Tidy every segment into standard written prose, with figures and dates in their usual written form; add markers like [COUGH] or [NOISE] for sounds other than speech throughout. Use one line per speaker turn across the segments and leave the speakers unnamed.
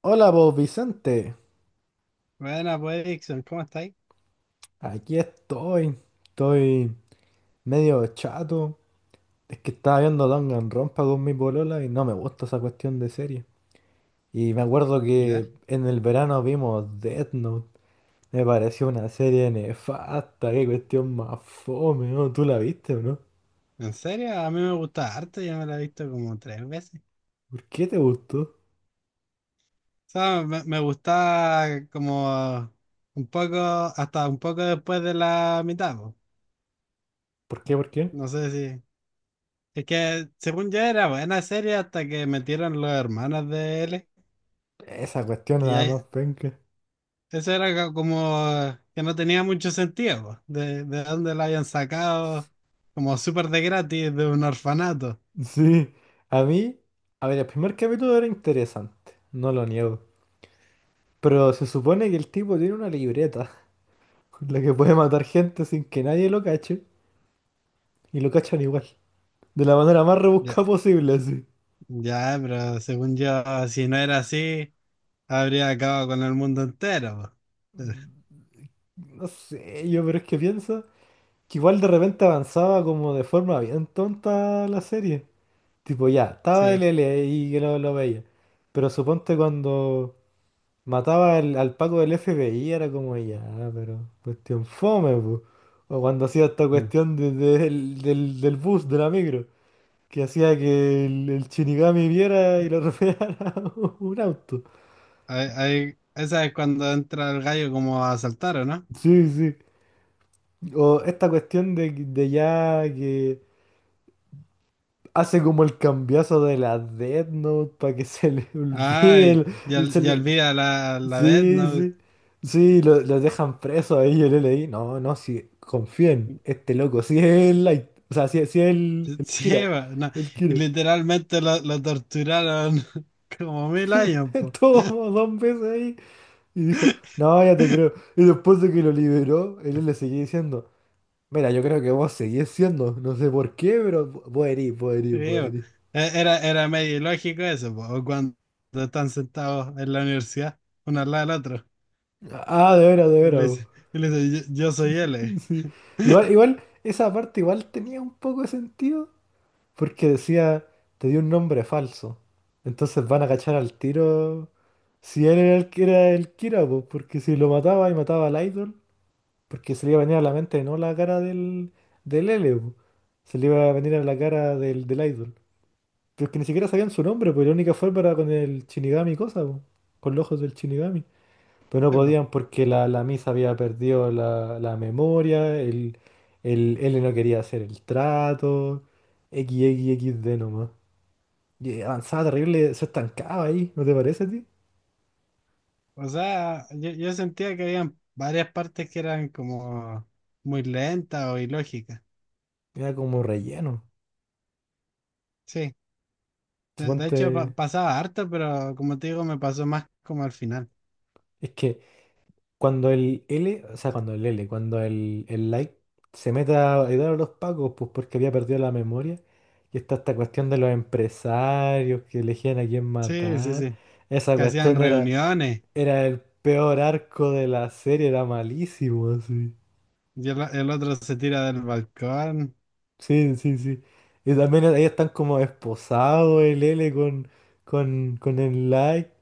Hola, vos Vicente.
Buena, pues, Dixon, ¿cómo estáis?
Aquí estoy. Estoy medio chato. Es que estaba viendo Danganronpa con mi polola y no me gusta esa cuestión de serie. Y me acuerdo
¿Ya?
que en el verano vimos Death Note. Me pareció una serie nefasta. Qué cuestión más fome, ¿no? ¿Tú la viste o no?
¿En serio? A mí me gusta harto, yo me la he visto como tres veces.
¿Por qué te gustó?
O sea, me gusta como un poco, hasta un poco después de la mitad, po.
¿Por qué? ¿Por qué?
No sé si... Es que, según yo, era buena serie hasta que metieron los hermanos de él.
Esa cuestión
Y
era la
ahí,
más penca. [LAUGHS]
eso era como que no tenía mucho sentido, po. De dónde lo habían sacado, como súper de gratis, de un orfanato.
Sí. A mí, a ver, el primer capítulo era interesante. No lo niego. Pero se supone que el tipo tiene una libreta con la que puede matar gente sin que nadie lo cache, y lo cachan igual, de la manera más
Ya,
rebuscada posible, así.
ya, pero según yo, si no era así... Habría acabado con el mundo entero, po.
No sé, yo, pero es que pienso que igual de repente avanzaba como de forma bien tonta la serie. Tipo, ya, estaba el
Sí.
L y que lo veía. Pero suponte cuando mataba al Paco del FBI, era como ya, pero cuestión fome, po. O cuando hacía esta
Mm.
cuestión del bus, de la micro, que hacía que el Shinigami viera y lo atropellara [LAUGHS] un auto.
Esa es cuando entra el gallo como a asaltar, ¿o no?
Sí, sí. O esta cuestión de ya que hace como el cambiazo de la Death Note para que se le [LAUGHS] olvide
Ay,
el,
ya,
el- se
ya
le-
olvida la vez,
sí,
¿no?
sí. Sí, lo dejan preso ahí, yo le leí. No, no, sí, confíen, este loco, sí es el Light, o sea, sí, sí es
[LAUGHS]
el
Sí,
Kira,
va, no.
el
Y
Kira.
literalmente lo torturaron [LAUGHS] como mil
[LAUGHS]
años, po.
Estuvo como dos veces ahí. Y dijo, no, ya te creo. Y después de que lo liberó, él le seguía diciendo, mira, yo creo que vos seguís siendo, no sé por qué, pero vos herís, vos
Sí,
herís, vos
va.
herís.
Era, era medio ilógico eso, po. O cuando están sentados en la universidad, uno al lado del otro,
Ah, de veras, de veras, vos.
y le dice, yo soy L.
[LAUGHS] Sí. Igual, igual, esa parte igual tenía un poco de sentido, porque decía, te dio un nombre falso. Entonces van a cachar al tiro si él era el que era el Kira, pues, porque si lo mataba y mataba al idol, porque se le iba a venir a la mente no la cara del, del L, po, se le iba a venir a la cara del, del idol. Pero es que ni siquiera sabían su nombre, pues la única forma era con el Shinigami y cosa, po, con los ojos del Shinigami. Pero no podían
[LAUGHS]
porque la Misa había perdido la memoria, el L no quería hacer el trato, XXXD nomás. Y avanzaba terrible, se estancaba ahí, ¿no te parece a ti?
O sea, yo sentía que habían varias partes que eran como muy lentas o ilógicas.
Era como relleno.
Sí, de
Suponte.
hecho pasaba harto, pero como te digo, me pasó más como al final.
Es que cuando el L, o sea, cuando el L, cuando el Like se meta a ayudar a los pacos, pues porque había perdido la memoria. Y está esta cuestión de los empresarios que elegían a quién
Sí, sí,
matar.
sí.
Esa
Que hacían
cuestión era,
reuniones
era el peor arco de la serie, era malísimo, así.
y el otro se tira del balcón
Sí, sí, sí. Y también ahí están como esposados el L con el Like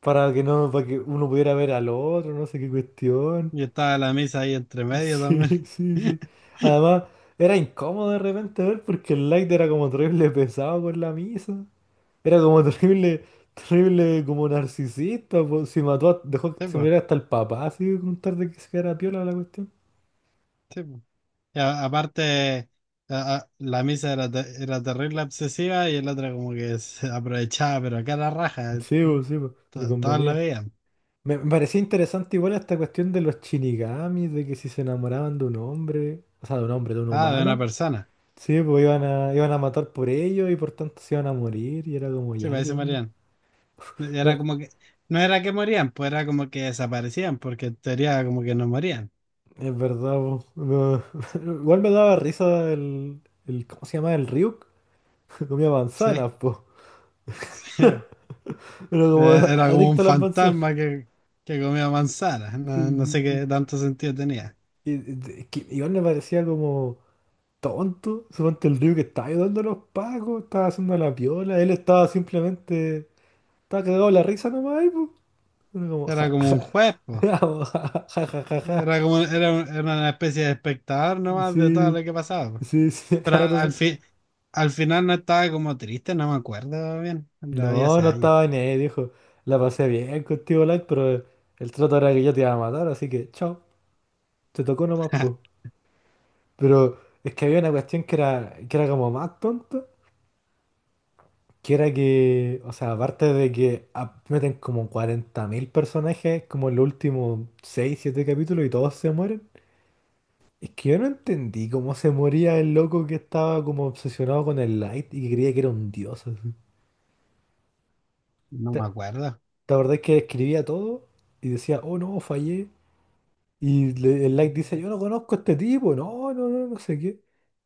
para que no, para que uno pudiera ver al otro, no sé qué cuestión.
y estaba la misa ahí entre
[LAUGHS]
medio
Sí,
también.
sí, sí.
[LAUGHS]
Además, era incómodo de repente ver porque el light era como terrible pesado con la misa. Era como [LAUGHS] terrible, terrible como narcisista, po. Si mató, dejó
Sí,
que se
pues,
muriera hasta el papá, así con tal de que se quedara piola la cuestión.
sí, po. Y aparte, la misa era, era terrible obsesiva y el otro como que se aprovechaba, pero acá la raja,
Sí, po, le
todos lo
convenía.
veían.
Me parecía interesante igual esta cuestión de los shinigamis, de que si se enamoraban de un hombre, o sea, de un hombre, de un
Ah, de una
humano,
persona.
sí, pues iban a, iban a matar por ellos y por tanto se iban a morir y era como
Sí,
ya, ¿qué
parece
onda?
morían. Era como que, no era que morían, pues era como que desaparecían, porque en teoría como que no morían.
Es verdad, po. No. [LAUGHS] Igual me daba risa el, el. ¿Cómo se llama? El Ryuk. [LAUGHS] Comía
Sí.
manzanas,
[LAUGHS]
po.
Sí.
Era como [LAUGHS]
Era como un
adicto a las manzanas.
fantasma que comía manzanas. No, no sé
[LAUGHS]
qué tanto sentido tenía.
Sí, sí, sí. Y es que igual me parecía como tonto. Suponte el Ryuk que estaba ayudando a los pacos, estaba haciendo la piola. Él estaba simplemente. Estaba cagado de la risa nomás, ahí, po. Era como.
Era
Ja, [LAUGHS]
como un juez, pues.
ja, ja, ja, ja, ja.
Era como, era, era una especie de espectador nomás de todo
Sí,
lo que pasaba, po.
sí, sí. [LAUGHS]
Pero
Cada
al
rato.
fin, Al final no estaba como triste, no me acuerdo bien. Lo vi
No,
hace
no
años.
estaba en él, dijo. La pasé bien contigo, Light, pero el trato era que yo te iba a matar, así que chao. Te tocó nomás, pues.
[LAUGHS]
Pero es que había una cuestión que era como más tonta, que era que, o sea, aparte de que meten como 40.000 personajes como en los últimos 6, 7 capítulos y todos se mueren, es que yo no entendí cómo se moría el loco que estaba como obsesionado con el Light y que creía que era un dios, así.
No
¿Te,
me acuerdo.
te acordás que escribía todo y decía, oh no, fallé? Y el like dice, yo no conozco a este tipo, no, no, no, no sé qué.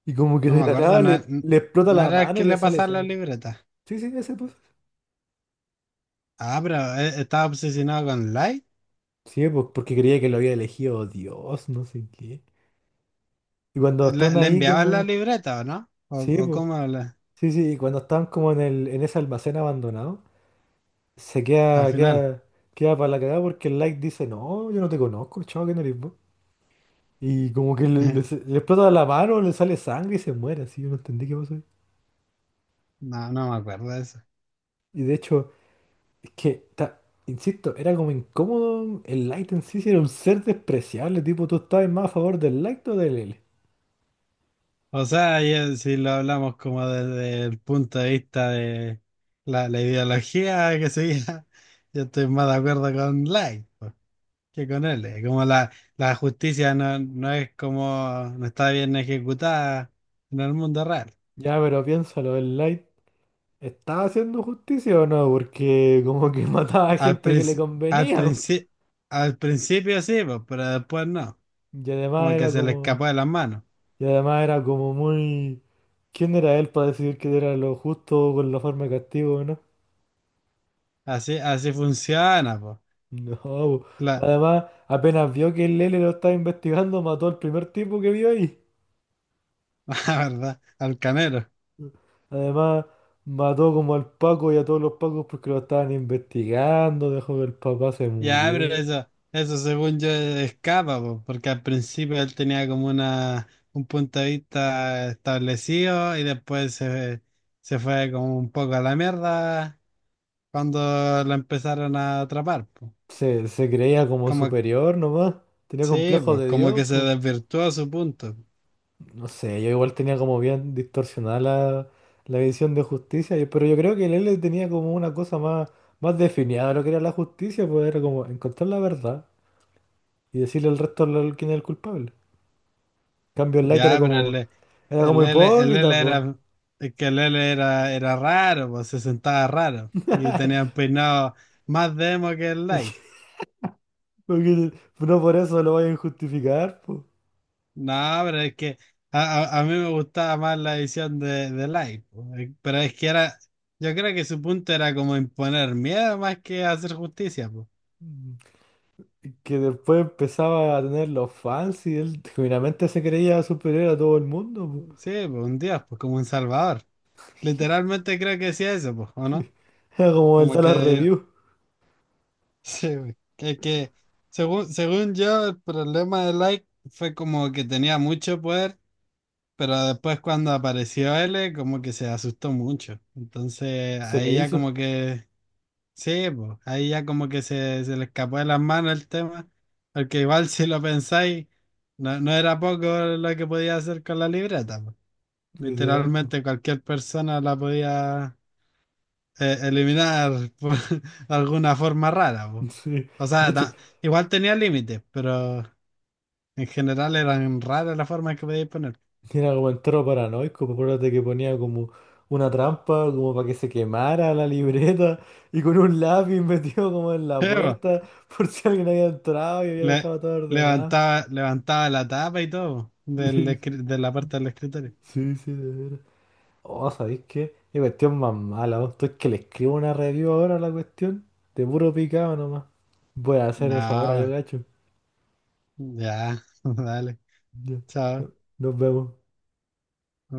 Y como que
No
de
me
la
acuerdo,
nada
no,
le explota
no
la
era
mano
que
y le
le
sale
pasaba la
sangre.
libreta.
Sí, sí, ese pues.
Ah, pero estaba obsesionado con Light.
Sí, pues porque creía que lo había elegido Dios, no sé qué. Y cuando
¿Le,
están
le
ahí
enviaban la
como...
libreta o no?
Sí,
O
pues.
cómo le-
Sí, sí, y cuando están como en el, en ese almacén abandonado, se
al
queda,
final?
queda, queda para la cagada porque el like dice, no, yo no te conozco, chavo, que no eres vos. Y como que le, le-
[LAUGHS]
le explota la mano, le sale sangre y se muere, así, yo no entendí qué pasó ahí.
No, no me acuerdo de eso.
Y de hecho... Es que, insisto, era como incómodo. El light en sí sí era un ser despreciable. Tipo, tú estabas más a favor del light o del L.
O sea, y, si lo hablamos como desde el punto de vista de la ideología que seguía, [LAUGHS] yo estoy más de acuerdo con Light, pues, que con él. Eh, como la justicia no, no es como, no está bien ejecutada en el mundo real.
Ya, pero piénsalo, el light estaba haciendo justicia o no, porque como que [LAUGHS] mataba a
Al,
gente que le
princi- al,
convenía.
princi- al principio sí, pues, pero después no.
Y además
Como que
era
se le escapó
como.
de las manos.
Y además era como muy. ¿Quién era él para decidir qué era lo justo con la forma de castigo o no?
Así, así funciona, pues.
No, po.
La,
Además, apenas vio que el L lo estaba investigando, mató al primer tipo que vio ahí.
[LAUGHS] la verdad, al canero.
Además, mató como al Paco y a todos los Pacos porque lo estaban investigando, dejó que el papá se
Ya, pero
muriera.
eso según yo escapa, pues, porque al principio él tenía como una, un punto de vista establecido y después se fue como un poco a la mierda cuando lo empezaron a atrapar, pues.
Se creía como
Como,
superior nomás, tenía
sí,
complejos
pues,
de
como
Dios,
que se
pues.
desvirtuó su punto.
No sé, yo igual tenía como bien distorsionada la visión de justicia, pero yo creo que el L tenía como una cosa más, más definida de lo que era la justicia, pues era como encontrar la verdad y decirle al resto quién es el culpable. En cambio, el Light
Ya, pero el,
era como
el, L- el
hipócrita,
L
pues.
era, es que el L era, era raro, pues se sentaba raro y tenía un
[LAUGHS]
peinado más demo que el Light.
Porque no por eso lo vayan a justificar, po.
No, pero es que a mí me gustaba más la edición de Light, pues. Eh, pero es que era, yo creo que su punto era como imponer miedo más que hacer justicia, pues.
Que después empezaba a tener los fans y él genuinamente se creía superior a todo el mundo, po.
Sí, pues un dios, pues como un salvador. Literalmente creo que decía eso, pues, ¿o no?
Era como el
Como
Dallas
que
Review.
sí, güey, que según, según yo, el problema de Like fue como que tenía mucho poder, pero después cuando apareció L, como que se asustó mucho. Entonces
Se le
ahí ya
hizo,
como que, sí, pues, ahí ya como que se le escapó de las manos el tema, porque igual [LAUGHS] si lo pensáis, no, no era poco lo que podía hacer con la libreta, pues.
literal, po.
Literalmente cualquier persona la podía, eliminar por [LAUGHS] alguna forma rara, po.
Sí.
O
De
sea,
hecho,
ta- igual tenía límites, pero en general eran raras las formas que podíais poner.
era como entero paranoico, po. Acuérdate que ponía como una trampa, como para que se quemara la libreta, y con un lápiz metido como en la
Sí, [LAUGHS] po.
puerta, [LAUGHS] por si alguien había entrado y había
Le-
dejado todo ordenado.
Levantaba, levantaba la tapa y todo del
[LAUGHS]
de la parte del escritorio.
Sí, sí, sí, de veras. Oh, ¿sabéis qué? Qué cuestión más mala, vos. Tú es que le escribo una review ahora a la cuestión. De puro picado nomás. Voy a hacer eso ahora, yo
No,
gacho.
ya, [LAUGHS] dale,
Ya,
chao.
no- nos vemos.